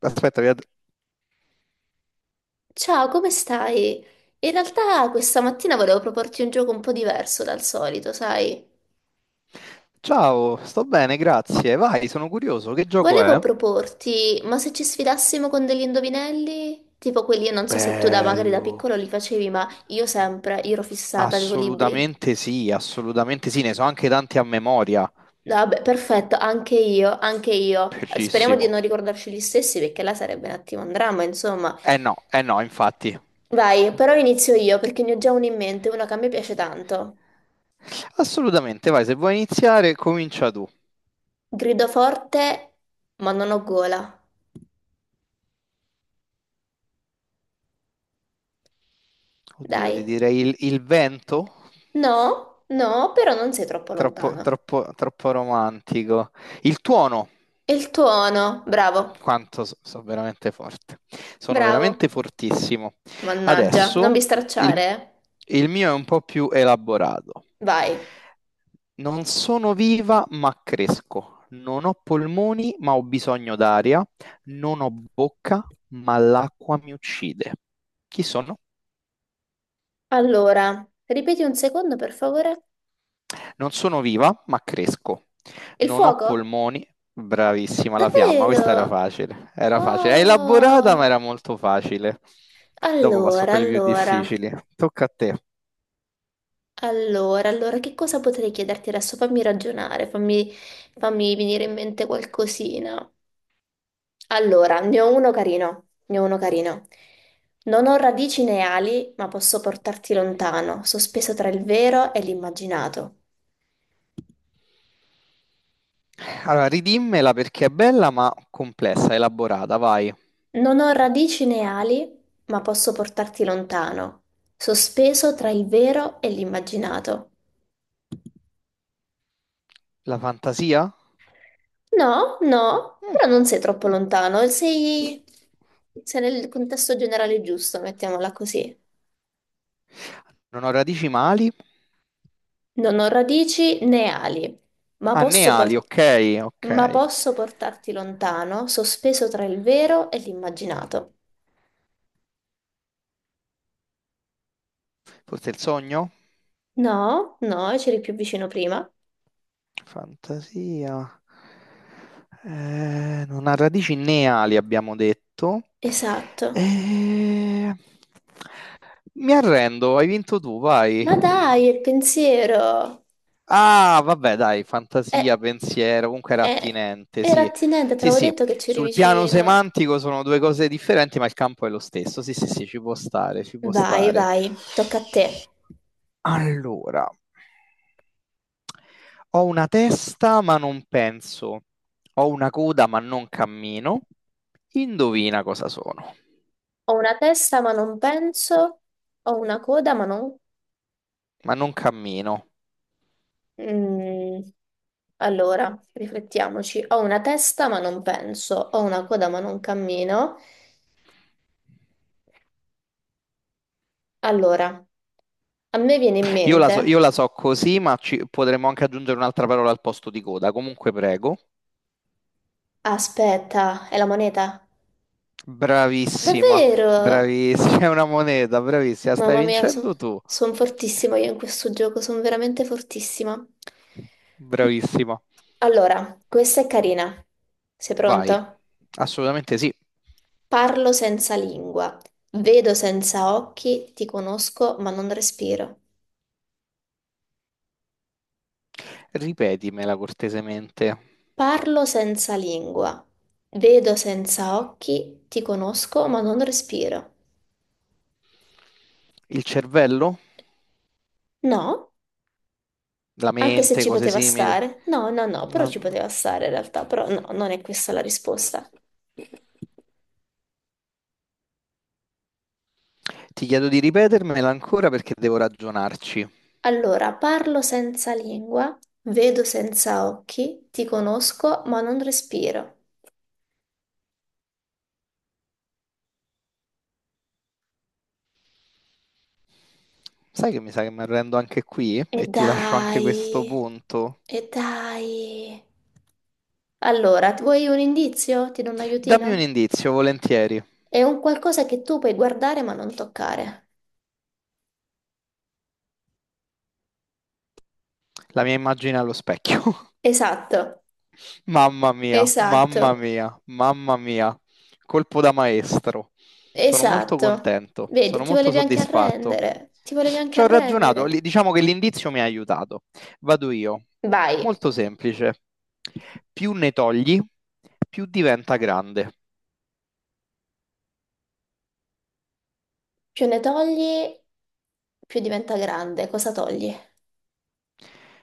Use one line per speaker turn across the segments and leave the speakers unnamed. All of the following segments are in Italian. Aspetta,
Ciao, come stai? In realtà questa mattina volevo proporti un gioco un po' diverso dal solito, sai?
ciao, sto bene, grazie. Vai, sono curioso, che gioco è?
Volevo proporti, ma se ci sfidassimo con degli indovinelli? Tipo quelli, io non so se tu da magari da
Bello.
piccolo li facevi, ma io sempre, io ero fissata, avevo libri.
Assolutamente sì, ne so anche tanti a memoria.
No, vabbè, perfetto, anche io, anche io. Speriamo di non
Bellissimo.
ricordarci gli stessi perché là sarebbe un attimo un dramma, insomma.
No, eh no, infatti.
Vai, però inizio io perché ne ho già uno in mente, uno che a me piace tanto.
Assolutamente, vai, se vuoi iniziare, comincia tu.
Grido forte, ma non ho gola.
Oddio, ti
Dai.
direi il vento?
No, no, però non sei troppo
Troppo,
lontana.
troppo, troppo romantico. Il tuono?
E il tuono, bravo,
Quanto sono veramente forte. Sono veramente
bravo.
fortissimo.
Mannaggia, non
Adesso
mi
il,
stracciare,
il mio è un po' più elaborato.
eh. Vai.
Non sono viva, ma cresco. Non ho polmoni, ma ho bisogno d'aria. Non ho bocca, ma l'acqua mi uccide. Chi sono?
Allora, ripeti un secondo, per favore.
Non sono viva, ma cresco.
Il
Non ho
fuoco?
polmoni. Bravissima, la fiamma, questa era
Davvero?
facile. Era facile. È elaborata, ma
Oh.
era molto facile. Dopo passo a
Allora,
quelli più
allora,
difficili. Tocca a te.
allora, che cosa potrei chiederti adesso? Fammi ragionare, fammi venire in mente qualcosina. Allora, ne ho uno carino. Non ho radici né ali, ma posso portarti lontano, sospeso tra il vero e l'immaginato.
Allora, ridimmela perché è bella, ma complessa, elaborata. Vai.
Non ho radici né ali, ma posso portarti lontano, sospeso tra il vero e l'immaginato.
La fantasia?
No, no,
Mm,
però non sei troppo
mm.
lontano, sei nel contesto generale giusto, mettiamola così.
Non ho radici mali?
Non ho radici né ali, ma
Ah, né
posso
ali,
portarti...
ok, ok.
Ma posso portarti lontano, sospeso tra il vero e l'immaginato.
Forse il sogno?
No, no, c'eri più vicino prima.
Fantasia. Non ha radici né ali, abbiamo detto.
Esatto.
Eh, mi arrendo, hai vinto tu, vai.
Ma dai, il pensiero.
Ah, vabbè, dai, fantasia,
Eh,
pensiero, comunque era
eh,
attinente,
era
sì.
attinente, te
Sì,
l'avevo
sì,
detto che c'eri
sul piano
vicino.
semantico sono due cose differenti, ma il campo è lo stesso. Sì, sì, sì, ci può stare, ci può
Vai,
stare.
vai, tocca a te.
Allora, ho una testa ma non penso, ho una coda ma non cammino. Indovina cosa sono,
Ho una testa ma non penso, ho una coda ma non...
ma non cammino.
Mm, allora, riflettiamoci. Ho una testa ma non penso, ho una coda ma non cammino. Allora, a me viene in
Io
mente...
la so così, ma potremmo anche aggiungere un'altra parola al posto di coda. Comunque, prego.
Aspetta, è la moneta?
Bravissima,
Davvero?
bravissima, è una moneta, bravissima, stai
Mamma mia,
vincendo tu.
sono fortissima io in questo gioco, sono veramente fortissima.
Bravissima.
Allora, questa è carina. Sei
Vai.
pronto?
Assolutamente sì.
Parlo senza lingua, vedo senza occhi, ti conosco ma non respiro.
Ripetimela cortesemente.
Parlo senza lingua, vedo senza occhi, ti conosco ma non respiro.
Il cervello?
No?
La
Anche se
mente,
ci
cose
poteva
simili.
stare? No, no, no, però
La-
ci poteva stare in realtà, però no, non è questa la risposta.
Ti chiedo di ripetermela ancora perché devo ragionarci.
Allora, parlo senza lingua, vedo senza occhi, ti conosco ma non respiro.
Sai che mi sa che mi arrendo anche qui
E
e ti lascio anche
dai,
questo punto.
e dai. Allora, vuoi un indizio? Ti do un
Dammi un
aiutino?
indizio, volentieri.
È un qualcosa che tu puoi guardare ma non toccare.
La mia immagine allo specchio.
Esatto,
Mamma mia, mamma
esatto,
mia, mamma mia. Colpo da maestro. Sono molto
esatto.
contento,
Vedi,
sono
ti
molto
volevi anche
soddisfatto.
arrendere, ti volevi anche
Ci ho ragionato,
arrendere.
diciamo che l'indizio mi ha aiutato. Vado io.
Vai,
Molto semplice. Più ne togli, più diventa grande.
più ne togli, più diventa grande. Cosa togli?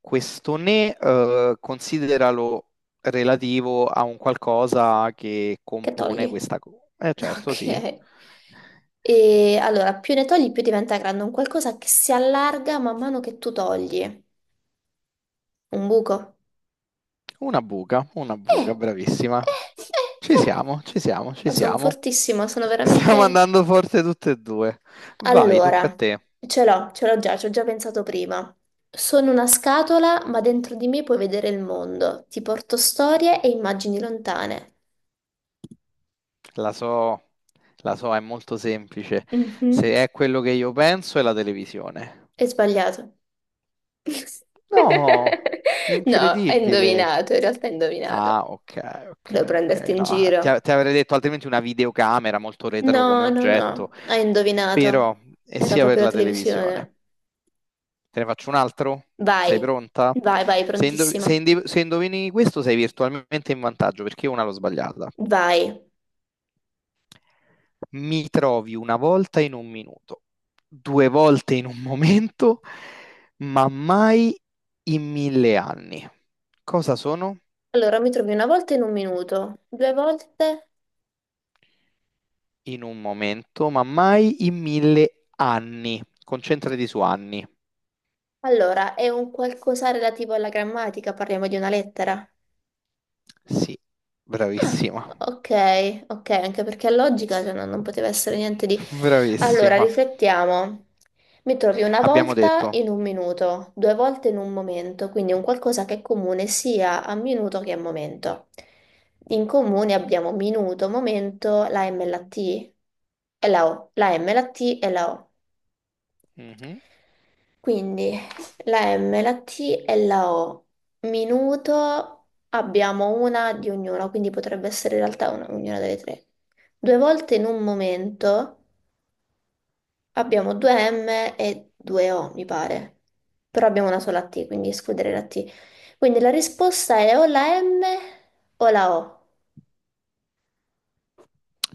Questo ne consideralo relativo a un qualcosa che
Che
compone
togli?
questa cosa. Eh certo, sì.
Ok. E allora, più ne togli, più diventa grande. Un qualcosa che si allarga man mano che tu togli. Un buco.
Una
Eh,
buca, bravissima.
eh, eh,
Ci
eh.
siamo, ci siamo, ci
Oh, sono
siamo.
fortissima, sono
Stiamo
veramente...
andando forte tutte e due. Vai, tocca a
Allora,
te.
ce l'ho già, ci ho già pensato prima. Sono una scatola, ma dentro di me puoi vedere il mondo. Ti porto storie e immagini lontane.
La so, la so, è molto semplice.
Mhm.
Se è quello che io penso, è la televisione.
È sbagliato.
No,
No, hai
incredibile.
indovinato, in realtà hai
Ah,
indovinato.
ok,
Volevo
ok, ok.
prenderti in
No,
giro.
ti avrei detto altrimenti una videocamera molto
No,
retro come
no, no,
oggetto,
hai indovinato.
però è
Era
sia per
proprio la
la televisione.
televisione.
Te ne faccio un altro? Sei
Vai,
pronta?
vai,
Se,
prontissima.
se indovini questo sei virtualmente in vantaggio perché io una l'ho sbagliata.
Vai.
Mi trovi una volta in un minuto, due volte in un momento, ma mai in 1000 anni. Cosa sono?
Allora, mi trovi una volta in un minuto, due volte.
In un momento, ma mai in mille anni. Concentrati su anni.
Allora, è un qualcosa relativo alla grammatica, parliamo di una lettera.
Sì, bravissima,
Ok, ok, anche perché è logica, cioè, no- non poteva essere niente di... Allora,
bravissima.
riflettiamo. Mi trovi una
Abbiamo
volta
detto,
in un minuto, due volte in un momento, quindi un qualcosa che è comune sia a minuto che a momento. In comune abbiamo minuto, momento, la M e la T e la O, la M, la T e la O.
mhm.
Quindi la M, la T e la O. Minuto abbiamo una di ognuna, quindi potrebbe essere in realtà ognuna delle tre. Due volte in un momento abbiamo due M e due O, mi pare. Però abbiamo una sola T, quindi escludere la T. Quindi la risposta è o la M o la O.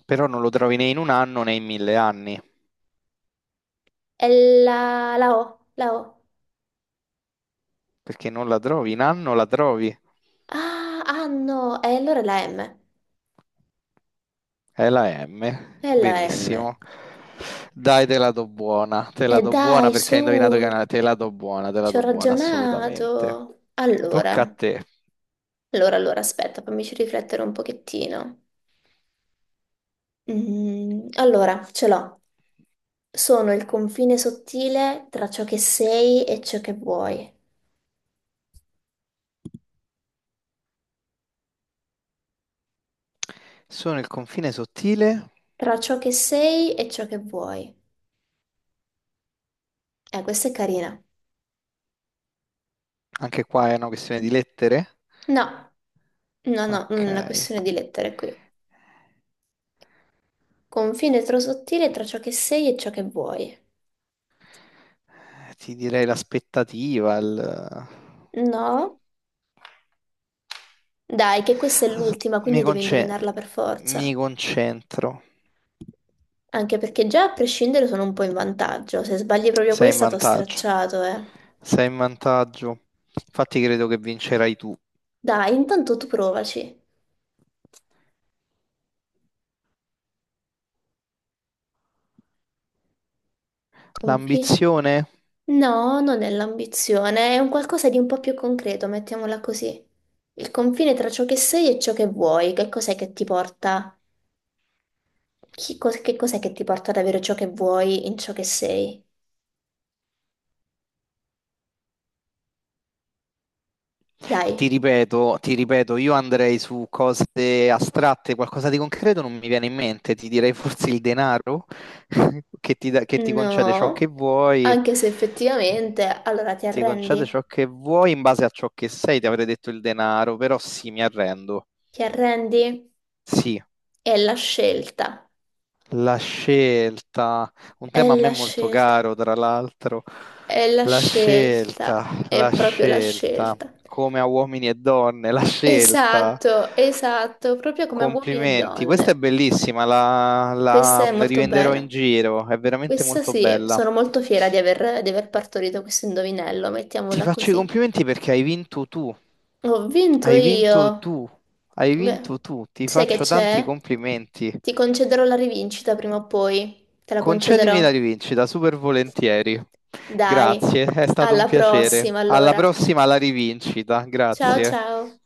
Però non lo trovi né in un anno né in 1000 anni,
È la O.
perché non la trovi in anno, la trovi.
Ah, no, e allora è la M.
È la M,
È la M.
benissimo. Dai, te la do buona, te
E
la do
dai,
buona perché
su,
hai indovinato che è una... Te la do buona, te la
ci ho
do buona, assolutamente.
ragionato. Allora,
Tocca a te.
allora, allora, aspetta, fammici riflettere un pochettino. Mm, allora, ce l'ho. Sono il confine sottile tra ciò che sei e ciò che vuoi.
Sono il confine sottile.
Tra ciò che sei e ciò che vuoi. Questa è carina.
Anche qua è una questione di lettere?
No, no, no,
Ok.
non è una questione di lettere qui. Confine tro sottile tra ciò che sei e ciò che vuoi.
Ti direi l'aspettativa, il...
No? Dai, che questa è l'ultima,
Mi
quindi devi
conce-
indovinarla per forza.
mi concentro.
Anche perché già a prescindere sono un po' in vantaggio. Se sbagli proprio
Sei in
questa, t'ho
vantaggio.
stracciato, eh.
Sei in vantaggio. Infatti credo che vincerai tu.
Dai, intanto tu provaci. Confi?
L'ambizione?
No, non è l'ambizione, è un qualcosa di un po' più concreto, mettiamola così. Il confine tra ciò che sei e ciò che vuoi, che cos'è che ti porta? Che cos'è che ti porta ad avere ciò che vuoi in ciò che sei? Dai,
Ti ripeto, io andrei su cose astratte, qualcosa di concreto non mi viene in mente, ti direi forse il denaro che che ti concede ciò che
no.
vuoi.
Anche se effettivamente, allora ti
Ti concede
arrendi?
ciò che vuoi in base a ciò che sei, ti avrei detto il denaro, però sì, mi arrendo.
Ti arrendi?
Sì,
È la scelta.
la scelta, un
È
tema a me
la
molto
scelta.
caro, tra l'altro,
È la scelta, è
la
proprio la
scelta,
scelta.
come a uomini e donne, la scelta.
Esatto, esatto, proprio come uomini e
Complimenti, questa è
donne.
bellissima, la,
Questa
la
è molto
rivenderò
bella.
in giro, è veramente
Questa
molto
sì,
bella.
sono molto fiera di aver partorito questo indovinello,
Ti
mettiamola
faccio i
così.
complimenti perché hai vinto tu,
Ho vinto
hai vinto
io.
tu, hai vinto
Beh,
tu, ti
sai che
faccio tanti
c'è?
complimenti.
Ti concederò la rivincita prima o poi. Te la
Concedimi la
concederò.
rivincita, super volentieri.
Dai,
Grazie, è stato un
alla
piacere.
prossima
Alla
allora.
prossima, alla rivincita,
Ciao
grazie.
ciao.